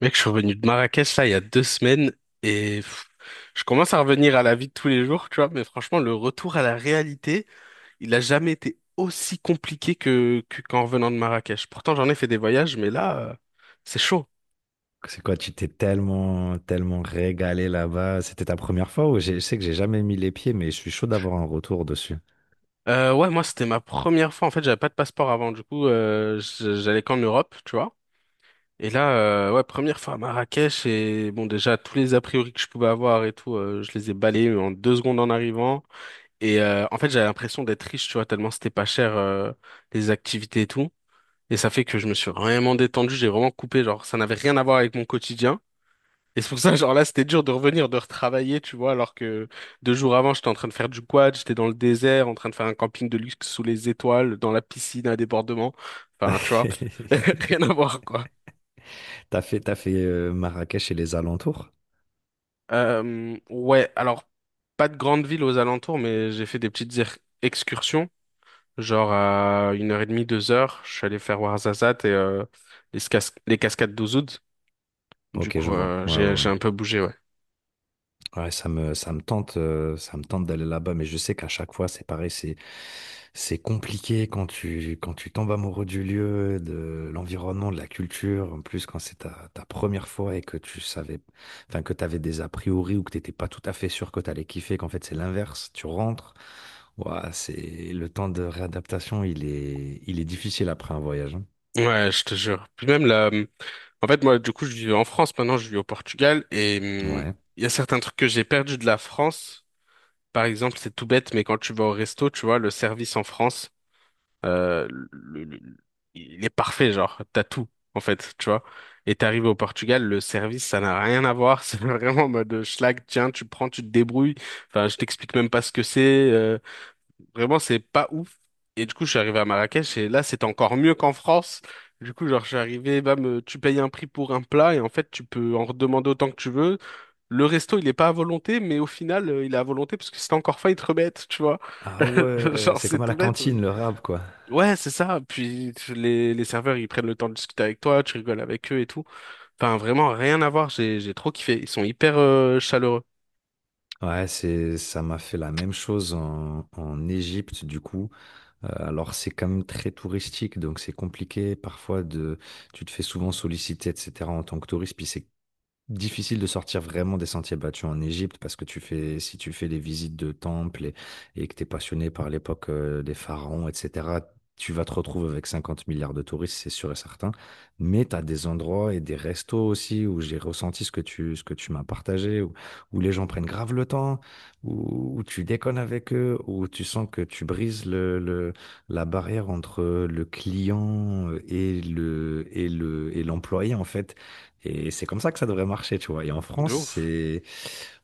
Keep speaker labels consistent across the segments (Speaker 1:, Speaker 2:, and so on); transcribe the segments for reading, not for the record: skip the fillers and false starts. Speaker 1: Mec, je suis revenu de Marrakech là il y a 2 semaines et je commence à revenir à la vie de tous les jours, tu vois, mais franchement, le retour à la réalité, il a jamais été aussi compliqué qu'en revenant de Marrakech. Pourtant, j'en ai fait des voyages, mais là, c'est chaud.
Speaker 2: C'est quoi, tu t'es tellement régalé là-bas. C'était ta première fois ou je sais que j'ai jamais mis les pieds, mais je suis chaud d'avoir un retour dessus.
Speaker 1: Ouais, moi, c'était ma première fois. En fait, j'avais pas de passeport avant, du coup, j'allais qu'en Europe, tu vois. Et là, ouais, première fois à Marrakech et bon, déjà, tous les a priori que je pouvais avoir et tout, je les ai balayés en 2 secondes en arrivant. Et en fait, j'avais l'impression d'être riche, tu vois, tellement c'était pas cher, les activités et tout. Et ça fait que je me suis vraiment détendu, j'ai vraiment coupé, genre, ça n'avait rien à voir avec mon quotidien. Et c'est pour ça, genre là, c'était dur de revenir, de retravailler, tu vois, alors que 2 jours avant, j'étais en train de faire du quad, j'étais dans le désert, en train de faire un camping de luxe sous les étoiles, dans la piscine à débordement. Enfin, tu vois, rien à voir, quoi.
Speaker 2: T'as fait Marrakech et les alentours?
Speaker 1: Ouais, alors, pas de grande ville aux alentours, mais j'ai fait des petites excursions. Genre à 1h30, 2 heures, je suis allé faire Ouarzazate et les cascades d'Ouzoud. Du
Speaker 2: Ok, je
Speaker 1: coup,
Speaker 2: vois. Ouais, ouais,
Speaker 1: j'ai
Speaker 2: ouais.
Speaker 1: un peu bougé, ouais.
Speaker 2: Ouais, ça me tente d'aller là-bas, mais je sais qu'à chaque fois, c'est pareil, c'est compliqué quand tu tombes amoureux du lieu, de l'environnement, de la culture. En plus, quand c'est ta première fois et que tu savais, enfin, que t'avais des a priori ou que t'étais pas tout à fait sûr que t'allais kiffer, qu'en fait, c'est l'inverse. Tu rentres. Ouah, c'est, le temps de réadaptation, il est difficile après un voyage, hein.
Speaker 1: Ouais, je te jure. Puis même là, en fait, moi, du coup, je vis en France maintenant, je vis au Portugal et
Speaker 2: Ouais.
Speaker 1: il y a certains trucs que j'ai perdu de la France. Par exemple, c'est tout bête, mais quand tu vas au resto, tu vois, le service en France. euh, le- le- il est parfait, genre, t'as tout, en fait, tu vois. Et t'arrives au Portugal, le service, ça n'a rien à voir, c'est vraiment en mode schlag, tiens, tu prends, tu te débrouilles, enfin, je t'explique même pas ce que c'est, vraiment, c'est pas ouf. Et du coup, je suis arrivé à Marrakech, et là, c'était encore mieux qu'en France. Du coup, genre, je suis arrivé, bam, tu payes un prix pour un plat, et en fait, tu peux en redemander autant que tu veux. Le resto, il est pas à volonté, mais au final, il est à volonté, parce que si t'as encore faim, ils te remettent, tu vois.
Speaker 2: Ah ouais,
Speaker 1: Genre,
Speaker 2: c'est comme
Speaker 1: c'est
Speaker 2: à la
Speaker 1: tout bête.
Speaker 2: cantine, le rap, quoi.
Speaker 1: Ouais, c'est ça. Puis les serveurs, ils prennent le temps de discuter avec toi, tu rigoles avec eux et tout. Enfin, vraiment, rien à voir. J'ai trop kiffé. Ils sont hyper chaleureux.
Speaker 2: Ouais, ça m'a fait la même chose en, en Égypte, du coup. Alors, c'est quand même très touristique, donc c'est compliqué. Parfois, de, tu te fais souvent solliciter, etc., en tant que touriste, puis c'est difficile de sortir vraiment des sentiers battus en Égypte parce que tu fais, si tu fais les visites de temples et que tu es passionné par l'époque des pharaons, etc., tu vas te retrouver avec 50 milliards de touristes, c'est sûr et certain. Mais tu as des endroits et des restos aussi où j'ai ressenti ce que tu m'as partagé, où, où les gens prennent grave le temps, où, où tu déconnes avec eux, où tu sens que tu brises la barrière entre le client et l'employé, en fait, et c'est comme ça que ça devrait marcher, tu vois. Et en
Speaker 1: De
Speaker 2: France,
Speaker 1: ouf.
Speaker 2: c'est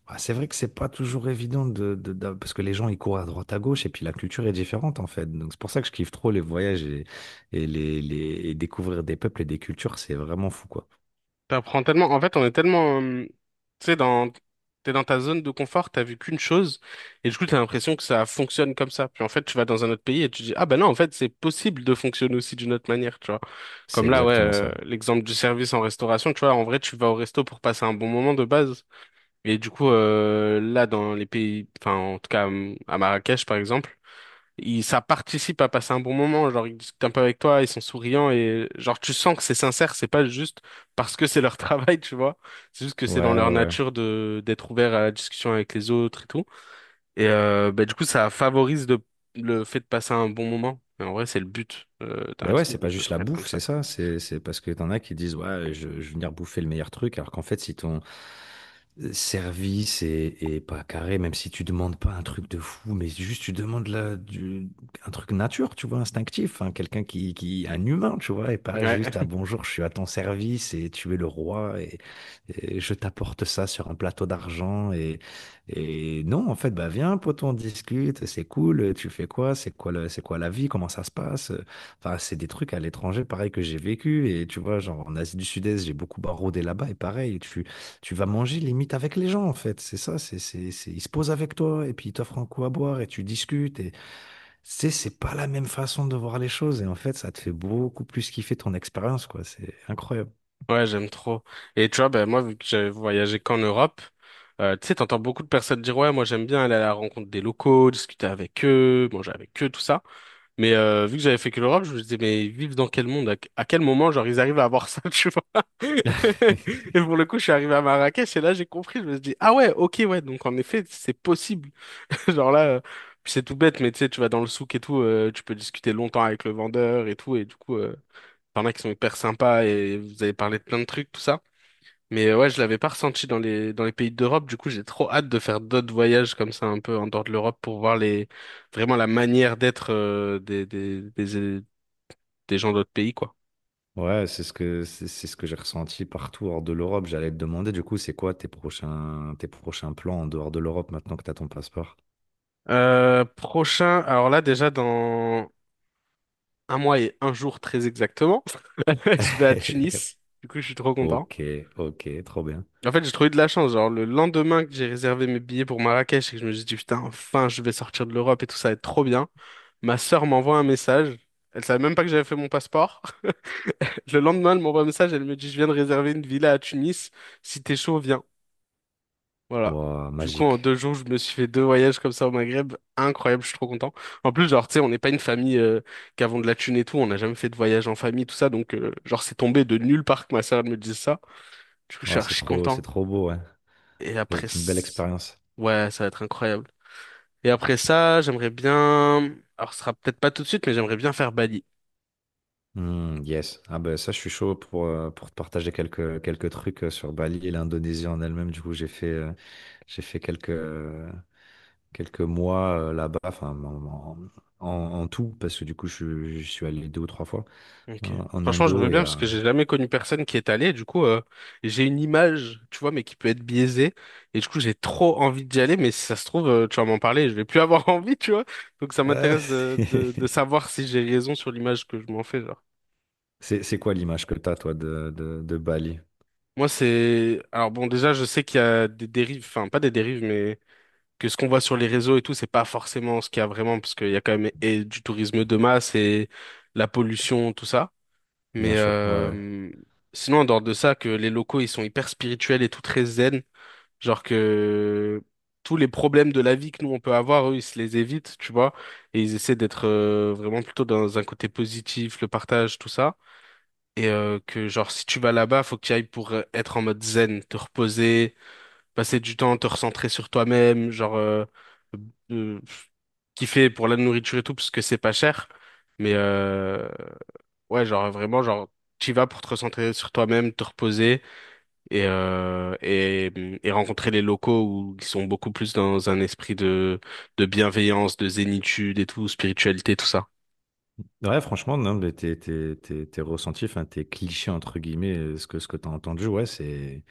Speaker 2: bah, c'est vrai que c'est pas toujours évident de, parce que les gens ils courent à droite à gauche et puis la culture est différente en fait. Donc c'est pour ça que je kiffe trop les voyages et et découvrir des peuples et des cultures, c'est vraiment fou quoi.
Speaker 1: T'apprends tellement. En fait, on est tellement, tu sais, dans. T'es dans ta zone de confort, t'as vu qu'une chose, et du coup, t'as l'impression que ça fonctionne comme ça. Puis en fait, tu vas dans un autre pays et tu dis, ah ben non, en fait, c'est possible de fonctionner aussi d'une autre manière, tu vois.
Speaker 2: C'est
Speaker 1: Comme là, ouais,
Speaker 2: exactement ça.
Speaker 1: l'exemple du service en restauration, tu vois, en vrai, tu vas au resto pour passer un bon moment de base. Et du coup, là, dans les pays, enfin, en tout cas, à Marrakech, par exemple, ça participe à passer un bon moment. Genre, ils discutent un peu avec toi, ils sont souriants et, genre, tu sens que c'est sincère, c'est pas juste parce que c'est leur travail, tu vois. C'est juste que c'est dans
Speaker 2: Ouais,
Speaker 1: leur
Speaker 2: ouais, ouais.
Speaker 1: nature d'être ouvert à la discussion avec les autres et tout. Et, bah, du coup, ça favorise le fait de passer un bon moment. Mais en vrai, c'est le but, d'un
Speaker 2: Ben ouais,
Speaker 1: resto,
Speaker 2: c'est pas
Speaker 1: donc ça
Speaker 2: juste la
Speaker 1: devrait être comme
Speaker 2: bouffe,
Speaker 1: ça,
Speaker 2: c'est
Speaker 1: quoi.
Speaker 2: ça. C'est parce que t'en as qui disent, ouais, je vais venir bouffer le meilleur truc, alors qu'en fait, si ton service est pas carré, même si tu demandes pas un truc de fou, mais juste tu demandes la, du, un truc nature, tu vois, instinctif, hein, quelqu'un un humain, tu vois, et pas
Speaker 1: Ouais.
Speaker 2: juste, ah bonjour, je suis à ton service et tu es le roi et je t'apporte ça sur un plateau d'argent et non, en fait, bah viens, pote, on discute, c'est cool, tu fais quoi, c'est quoi c'est quoi la vie, comment ça se passe. Enfin, c'est des trucs à l'étranger, pareil, que j'ai vécu. Et tu vois, genre en Asie du Sud-Est, j'ai beaucoup baroudé là-bas. Et pareil, tu vas manger limite avec les gens, en fait. C'est ça, ils se posent avec toi et puis ils t'offrent un coup à boire et tu discutes. Et c'est pas la même façon de voir les choses. Et en fait, ça te fait beaucoup plus kiffer ton expérience, quoi. C'est incroyable.
Speaker 1: Ouais, j'aime trop. Et tu vois, ben moi, vu que j'avais voyagé qu'en Europe, tu sais, t'entends beaucoup de personnes dire, ouais, moi j'aime bien aller à la rencontre des locaux, discuter avec eux, manger avec eux, tout ça. Mais vu que j'avais fait que l'Europe, je me disais, mais ils vivent dans quel monde? À quel moment, genre, ils arrivent à avoir ça, tu vois? Et pour le coup, je suis arrivé à Marrakech et là, j'ai compris, je me suis dit, ah ouais, ok, ouais, donc en effet, c'est possible. Genre là, puis c'est tout bête, mais tu sais, tu vas dans le souk et tout, tu peux discuter longtemps avec le vendeur et tout, et du coup... T'en as qui sont hyper sympas et vous avez parlé de plein de trucs, tout ça. Mais ouais, je l'avais pas ressenti dans les pays d'Europe. Du coup, j'ai trop hâte de faire d'autres voyages comme ça un peu en dehors de l'Europe pour voir les vraiment la manière d'être des gens d'autres pays, quoi.
Speaker 2: Ouais, c'est ce que j'ai ressenti partout hors de l'Europe. J'allais te demander, du coup, c'est quoi tes prochains plans en dehors de l'Europe maintenant que tu as ton passeport?
Speaker 1: Prochain, alors là déjà dans 1 mois et 1 jour très exactement, je vais à Tunis. Du coup, je suis trop content.
Speaker 2: Ok, ok, trop bien.
Speaker 1: En fait, j'ai trouvé de la chance. Genre le lendemain que j'ai réservé mes billets pour Marrakech et que je me suis dit putain, enfin, je vais sortir de l'Europe et tout ça va être trop bien. Ma sœur m'envoie un message. Elle savait même pas que j'avais fait mon passeport. Le lendemain, elle m'envoie un message, elle me dit, je viens de réserver une villa à Tunis. Si t'es chaud, viens. Voilà.
Speaker 2: Wow,
Speaker 1: Du coup, en
Speaker 2: magique.
Speaker 1: 2 jours, je me suis fait deux voyages comme ça au Maghreb. Incroyable, je suis trop content. En plus, genre, tu sais, on n'est pas une famille qui avons de la thune et tout. On n'a jamais fait de voyage en famille, tout ça. Donc, genre, c'est tombé de nulle part que ma sœur elle me dise ça. Du coup, je suis
Speaker 2: Wow,
Speaker 1: archi
Speaker 2: c'est
Speaker 1: content.
Speaker 2: trop beau, hein.
Speaker 1: Et après,
Speaker 2: C'est une belle expérience.
Speaker 1: ouais, ça va être incroyable. Et après ça, j'aimerais bien... Alors, ce sera peut-être pas tout de suite, mais j'aimerais bien faire Bali.
Speaker 2: Hmm, yes. Ah ben ça, je suis chaud pour te partager quelques trucs sur Bali et l'Indonésie en elle-même. Du coup, j'ai fait quelques mois là-bas, enfin en, en, en tout, parce que du coup, je suis allé deux ou trois fois
Speaker 1: Ok.
Speaker 2: en, en
Speaker 1: Franchement, je veux
Speaker 2: Indo
Speaker 1: bien
Speaker 2: et
Speaker 1: parce
Speaker 2: à...
Speaker 1: que j'ai jamais connu personne qui est allé. Du coup, j'ai une image, tu vois, mais qui peut être biaisée. Et du coup, j'ai trop envie d'y aller. Mais si ça se trouve, tu vas m'en parler, je vais plus avoir envie, tu vois. Donc, ça m'intéresse de savoir si j'ai raison sur l'image que je m'en fais, genre.
Speaker 2: c'est quoi l'image que t'as, toi, de, de Bali?
Speaker 1: Moi, c'est. Alors, bon, déjà, je sais qu'il y a des dérives, enfin, pas des dérives, mais que ce qu'on voit sur les réseaux et tout, c'est pas forcément ce qu'il y a vraiment, parce qu'il y a quand même et du tourisme de masse et la pollution, tout ça.
Speaker 2: Bien
Speaker 1: Mais
Speaker 2: sûr, ouais, ouais.
Speaker 1: sinon, en dehors de ça, que les locaux, ils sont hyper spirituels et tout très zen. Genre que tous les problèmes de la vie que nous, on peut avoir, eux, ils se les évitent, tu vois. Et ils essaient d'être vraiment plutôt dans un côté positif, le partage, tout ça. Et que, genre, si tu vas là-bas, faut que tu ailles pour être en mode zen, te reposer, passer du temps, te recentrer sur toi-même, genre, euh, kiffer pour la nourriture et tout, parce que c'est pas cher. Mais... Ouais, genre vraiment, genre tu vas pour te recentrer sur toi-même, te reposer et, euh, et et rencontrer les locaux où ils sont beaucoup plus dans un esprit de bienveillance, de zénitude et tout, spiritualité, tout ça.
Speaker 2: Ouais, franchement, non, mais tes ressentis, enfin, tes clichés, entre guillemets, ce que tu as entendu, ouais,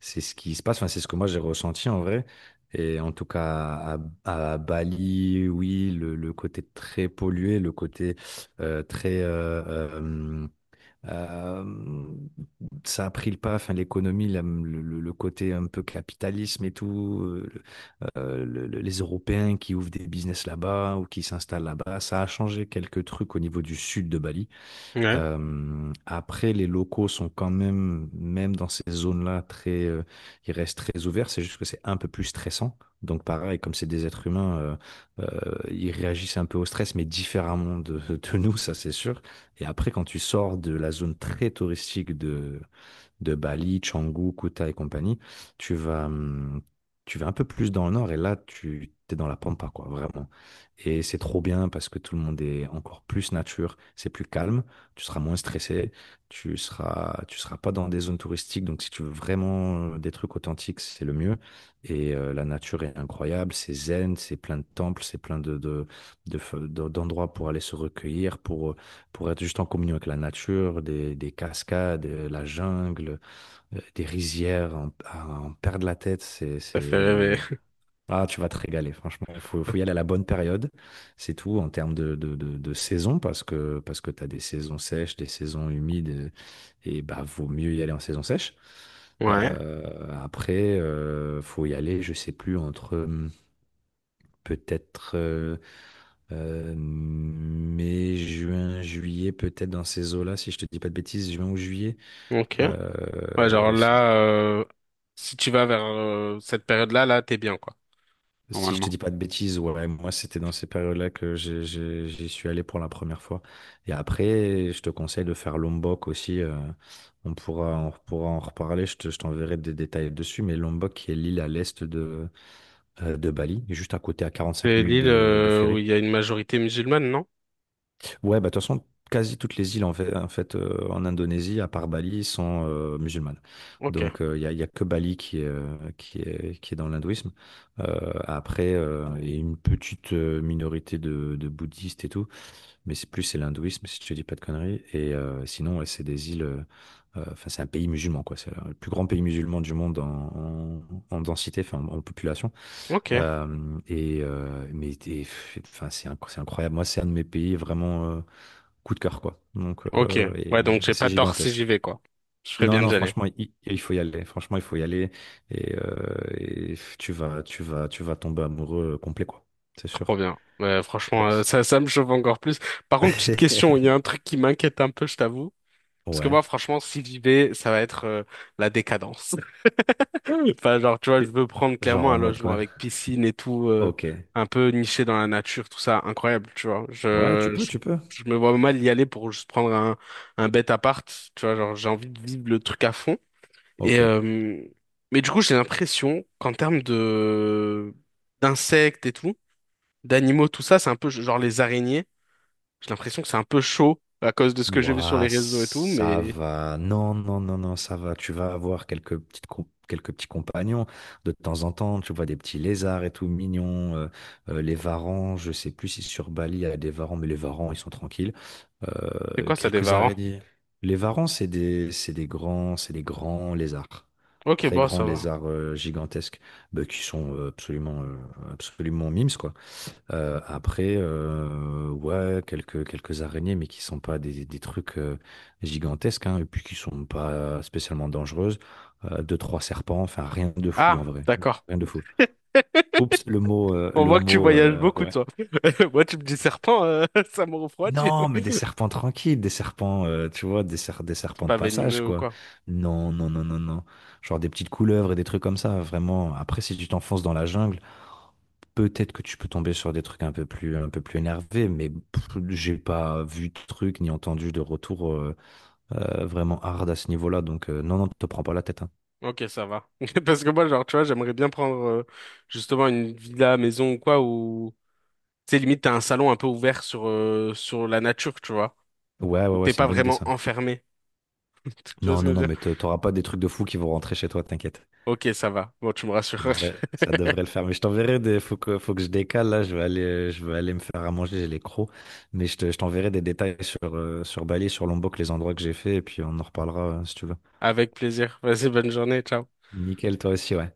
Speaker 2: c'est ce qui se passe, enfin, c'est ce que moi j'ai ressenti en vrai. Et en tout cas, à Bali, oui, le côté très pollué, le côté très euh, euh, ça a pris le pas, enfin, l'économie, le côté un peu capitalisme et tout, les Européens qui ouvrent des business là-bas ou qui s'installent là-bas, ça a changé quelques trucs au niveau du sud de Bali.
Speaker 1: Ouais,
Speaker 2: Après, les locaux sont quand même, même dans ces zones-là, très, ils restent très ouverts, c'est juste que c'est un peu plus stressant. Donc pareil, comme c'est des êtres humains, ils réagissent un peu au stress, mais différemment de, de nous, ça c'est sûr. Et après, quand tu sors de la zone très touristique de Bali, Canggu, Kuta et compagnie, tu vas, hum, tu vas un peu plus dans le nord et là, tu es dans la pampa, quoi, vraiment. Et c'est trop bien parce que tout le monde est encore plus nature, c'est plus calme, tu seras moins stressé, tu seras pas dans des zones touristiques. Donc, si tu veux vraiment des trucs authentiques, c'est le mieux. Et la nature est incroyable, c'est zen, c'est plein de temples, c'est plein de, d'endroits pour aller se recueillir, pour être juste en communion avec la nature, des cascades, la jungle des rizières, en, à en perdre la tête,
Speaker 1: ça fait
Speaker 2: c'est...
Speaker 1: rêver.
Speaker 2: Ah, tu vas te régaler, franchement. Faut y aller à la bonne période, c'est tout, en termes de, de saison, parce que tu as des saisons sèches, des saisons humides, et bah, vaut mieux y aller en saison sèche.
Speaker 1: Ouais,
Speaker 2: Après, faut y aller, je sais plus, entre peut-être mai, juin, juillet, peut-être dans ces eaux-là, si je te dis pas de bêtises, juin ou juillet.
Speaker 1: ok. Ouais, genre
Speaker 2: C'est...
Speaker 1: là, si tu vas vers cette période-là, là, t'es bien quoi,
Speaker 2: Si je te
Speaker 1: normalement.
Speaker 2: dis pas de bêtises, ouais, moi c'était dans ces périodes-là que j'y suis allé pour la première fois. Et après, je te conseille de faire Lombok aussi. Euh, on pourra en reparler. Je t'enverrai des détails dessus. Mais Lombok, qui est l'île à l'est de Bali, juste à côté, à 45
Speaker 1: C'est
Speaker 2: minutes
Speaker 1: l'île
Speaker 2: de
Speaker 1: où
Speaker 2: ferry.
Speaker 1: il y a une majorité musulmane, non?
Speaker 2: Ouais, bah, de toute façon, quasi toutes les îles en fait, en Indonésie, à part Bali, sont musulmanes.
Speaker 1: Ok,
Speaker 2: Donc, y a que Bali qui est, qui est dans l'hindouisme. Après, il y a une petite minorité de bouddhistes et tout, mais c'est l'hindouisme, si je te dis pas de conneries. Et sinon, ouais, c'est des îles, enfin, c'est un pays musulman, quoi. C'est le plus grand pays musulman du monde en, en, en densité, enfin, en, en population.
Speaker 1: ok,
Speaker 2: Euh, et, euh, mais, et, enfin, c'est incroyable. Moi, c'est un de mes pays vraiment, coup de cœur, quoi. Donc,
Speaker 1: ok. Ouais, donc
Speaker 2: et
Speaker 1: j'ai
Speaker 2: c'est
Speaker 1: pas tort si j'y
Speaker 2: gigantesque.
Speaker 1: vais, quoi. Je ferais
Speaker 2: Non,
Speaker 1: bien
Speaker 2: non,
Speaker 1: d'y aller.
Speaker 2: franchement, il faut y aller. Franchement, il faut y aller. Et tu vas tomber amoureux complet, quoi. C'est
Speaker 1: Trop
Speaker 2: sûr.
Speaker 1: bien. Ouais,
Speaker 2: Je sais pas,
Speaker 1: franchement,
Speaker 2: c'est...
Speaker 1: ça me chauffe encore plus. Par contre, petite question, il y a un truc qui m'inquiète un peu, je t'avoue. Parce que moi,
Speaker 2: Ouais.
Speaker 1: franchement, si j'y vais, ça va être la décadence. Enfin, genre, tu vois, je veux prendre
Speaker 2: Genre
Speaker 1: clairement
Speaker 2: en
Speaker 1: un
Speaker 2: mode
Speaker 1: logement
Speaker 2: quoi?
Speaker 1: avec piscine et tout,
Speaker 2: Ok.
Speaker 1: un peu niché dans la nature, tout ça, incroyable, tu vois.
Speaker 2: Ouais,
Speaker 1: Je, je,
Speaker 2: tu peux.
Speaker 1: je me vois mal y aller pour juste prendre un bête appart, tu vois, genre, j'ai envie de vivre le truc à fond. Et,
Speaker 2: Ok.
Speaker 1: mais du coup, j'ai l'impression qu'en termes d'insectes et tout, d'animaux, tout ça, c'est un peu genre les araignées. J'ai l'impression que c'est un peu chaud à cause de ce que j'ai vu sur les
Speaker 2: Ouah,
Speaker 1: réseaux et tout,
Speaker 2: ça
Speaker 1: mais
Speaker 2: va. Non, non, non, non, ça va. Tu vas avoir quelques petits compagnons de temps en temps. Tu vois des petits lézards et tout mignons. Euh, les varans, je sais plus si sur Bali il y a des varans, mais les varans, ils sont tranquilles.
Speaker 1: c'est quoi ça, des
Speaker 2: Quelques
Speaker 1: varans?
Speaker 2: araignées. Les varans, c'est des, c'est des grands lézards.
Speaker 1: Ok,
Speaker 2: Très
Speaker 1: bon,
Speaker 2: grands
Speaker 1: ça va.
Speaker 2: lézards gigantesques, bah, qui sont absolument, absolument mimes, quoi. Après, ouais, quelques araignées, mais qui sont pas des, des trucs gigantesques, hein, et puis qui sont pas spécialement dangereuses. Deux, trois serpents, enfin rien de fou en
Speaker 1: Ah,
Speaker 2: vrai.
Speaker 1: d'accord.
Speaker 2: Rien de fou. Oups,
Speaker 1: On
Speaker 2: le
Speaker 1: voit que tu
Speaker 2: mot,
Speaker 1: voyages beaucoup,
Speaker 2: ouais.
Speaker 1: toi. Moi, tu me dis serpent, ça me refroidit.
Speaker 2: Non, mais des serpents tranquilles, des serpents, tu vois, des
Speaker 1: C'est
Speaker 2: serpents de
Speaker 1: pas
Speaker 2: passage,
Speaker 1: venimeux ou
Speaker 2: quoi.
Speaker 1: quoi?
Speaker 2: Non, non, non, non, non. Genre des petites couleuvres et des trucs comme ça, vraiment. Après, si tu t'enfonces dans la jungle, peut-être que tu peux tomber sur des trucs un peu plus énervés, mais pff, j'ai pas vu de trucs ni entendu de retour vraiment hard à ce niveau-là. Donc non, non, te prends pas la tête, hein.
Speaker 1: Ok, ça va. Parce que moi, genre, tu vois, j'aimerais bien prendre justement une villa, maison ou quoi, où, tu sais, limite, t'as un salon un peu ouvert sur la nature, tu vois,
Speaker 2: Ouais, ouais,
Speaker 1: où
Speaker 2: ouais,
Speaker 1: t'es
Speaker 2: c'est
Speaker 1: pas
Speaker 2: une bonne idée
Speaker 1: vraiment
Speaker 2: ça.
Speaker 1: enfermé. Tu vois
Speaker 2: Non,
Speaker 1: ce que je
Speaker 2: non, non,
Speaker 1: veux dire?
Speaker 2: mais t'auras pas des trucs de fou qui vont rentrer chez toi, t'inquiète.
Speaker 1: Ok, ça va. Bon, tu me rassures.
Speaker 2: Ça devrait le faire. Mais je t'enverrai des... Faut que je décale là. Je vais aller me faire à manger. J'ai les crocs. Mais je t'enverrai des détails sur, sur Bali, sur Lombok, les endroits que j'ai fait, et puis on en reparlera si tu veux.
Speaker 1: Avec plaisir. Vas-y, bonne journée. Ciao.
Speaker 2: Nickel, toi aussi, ouais.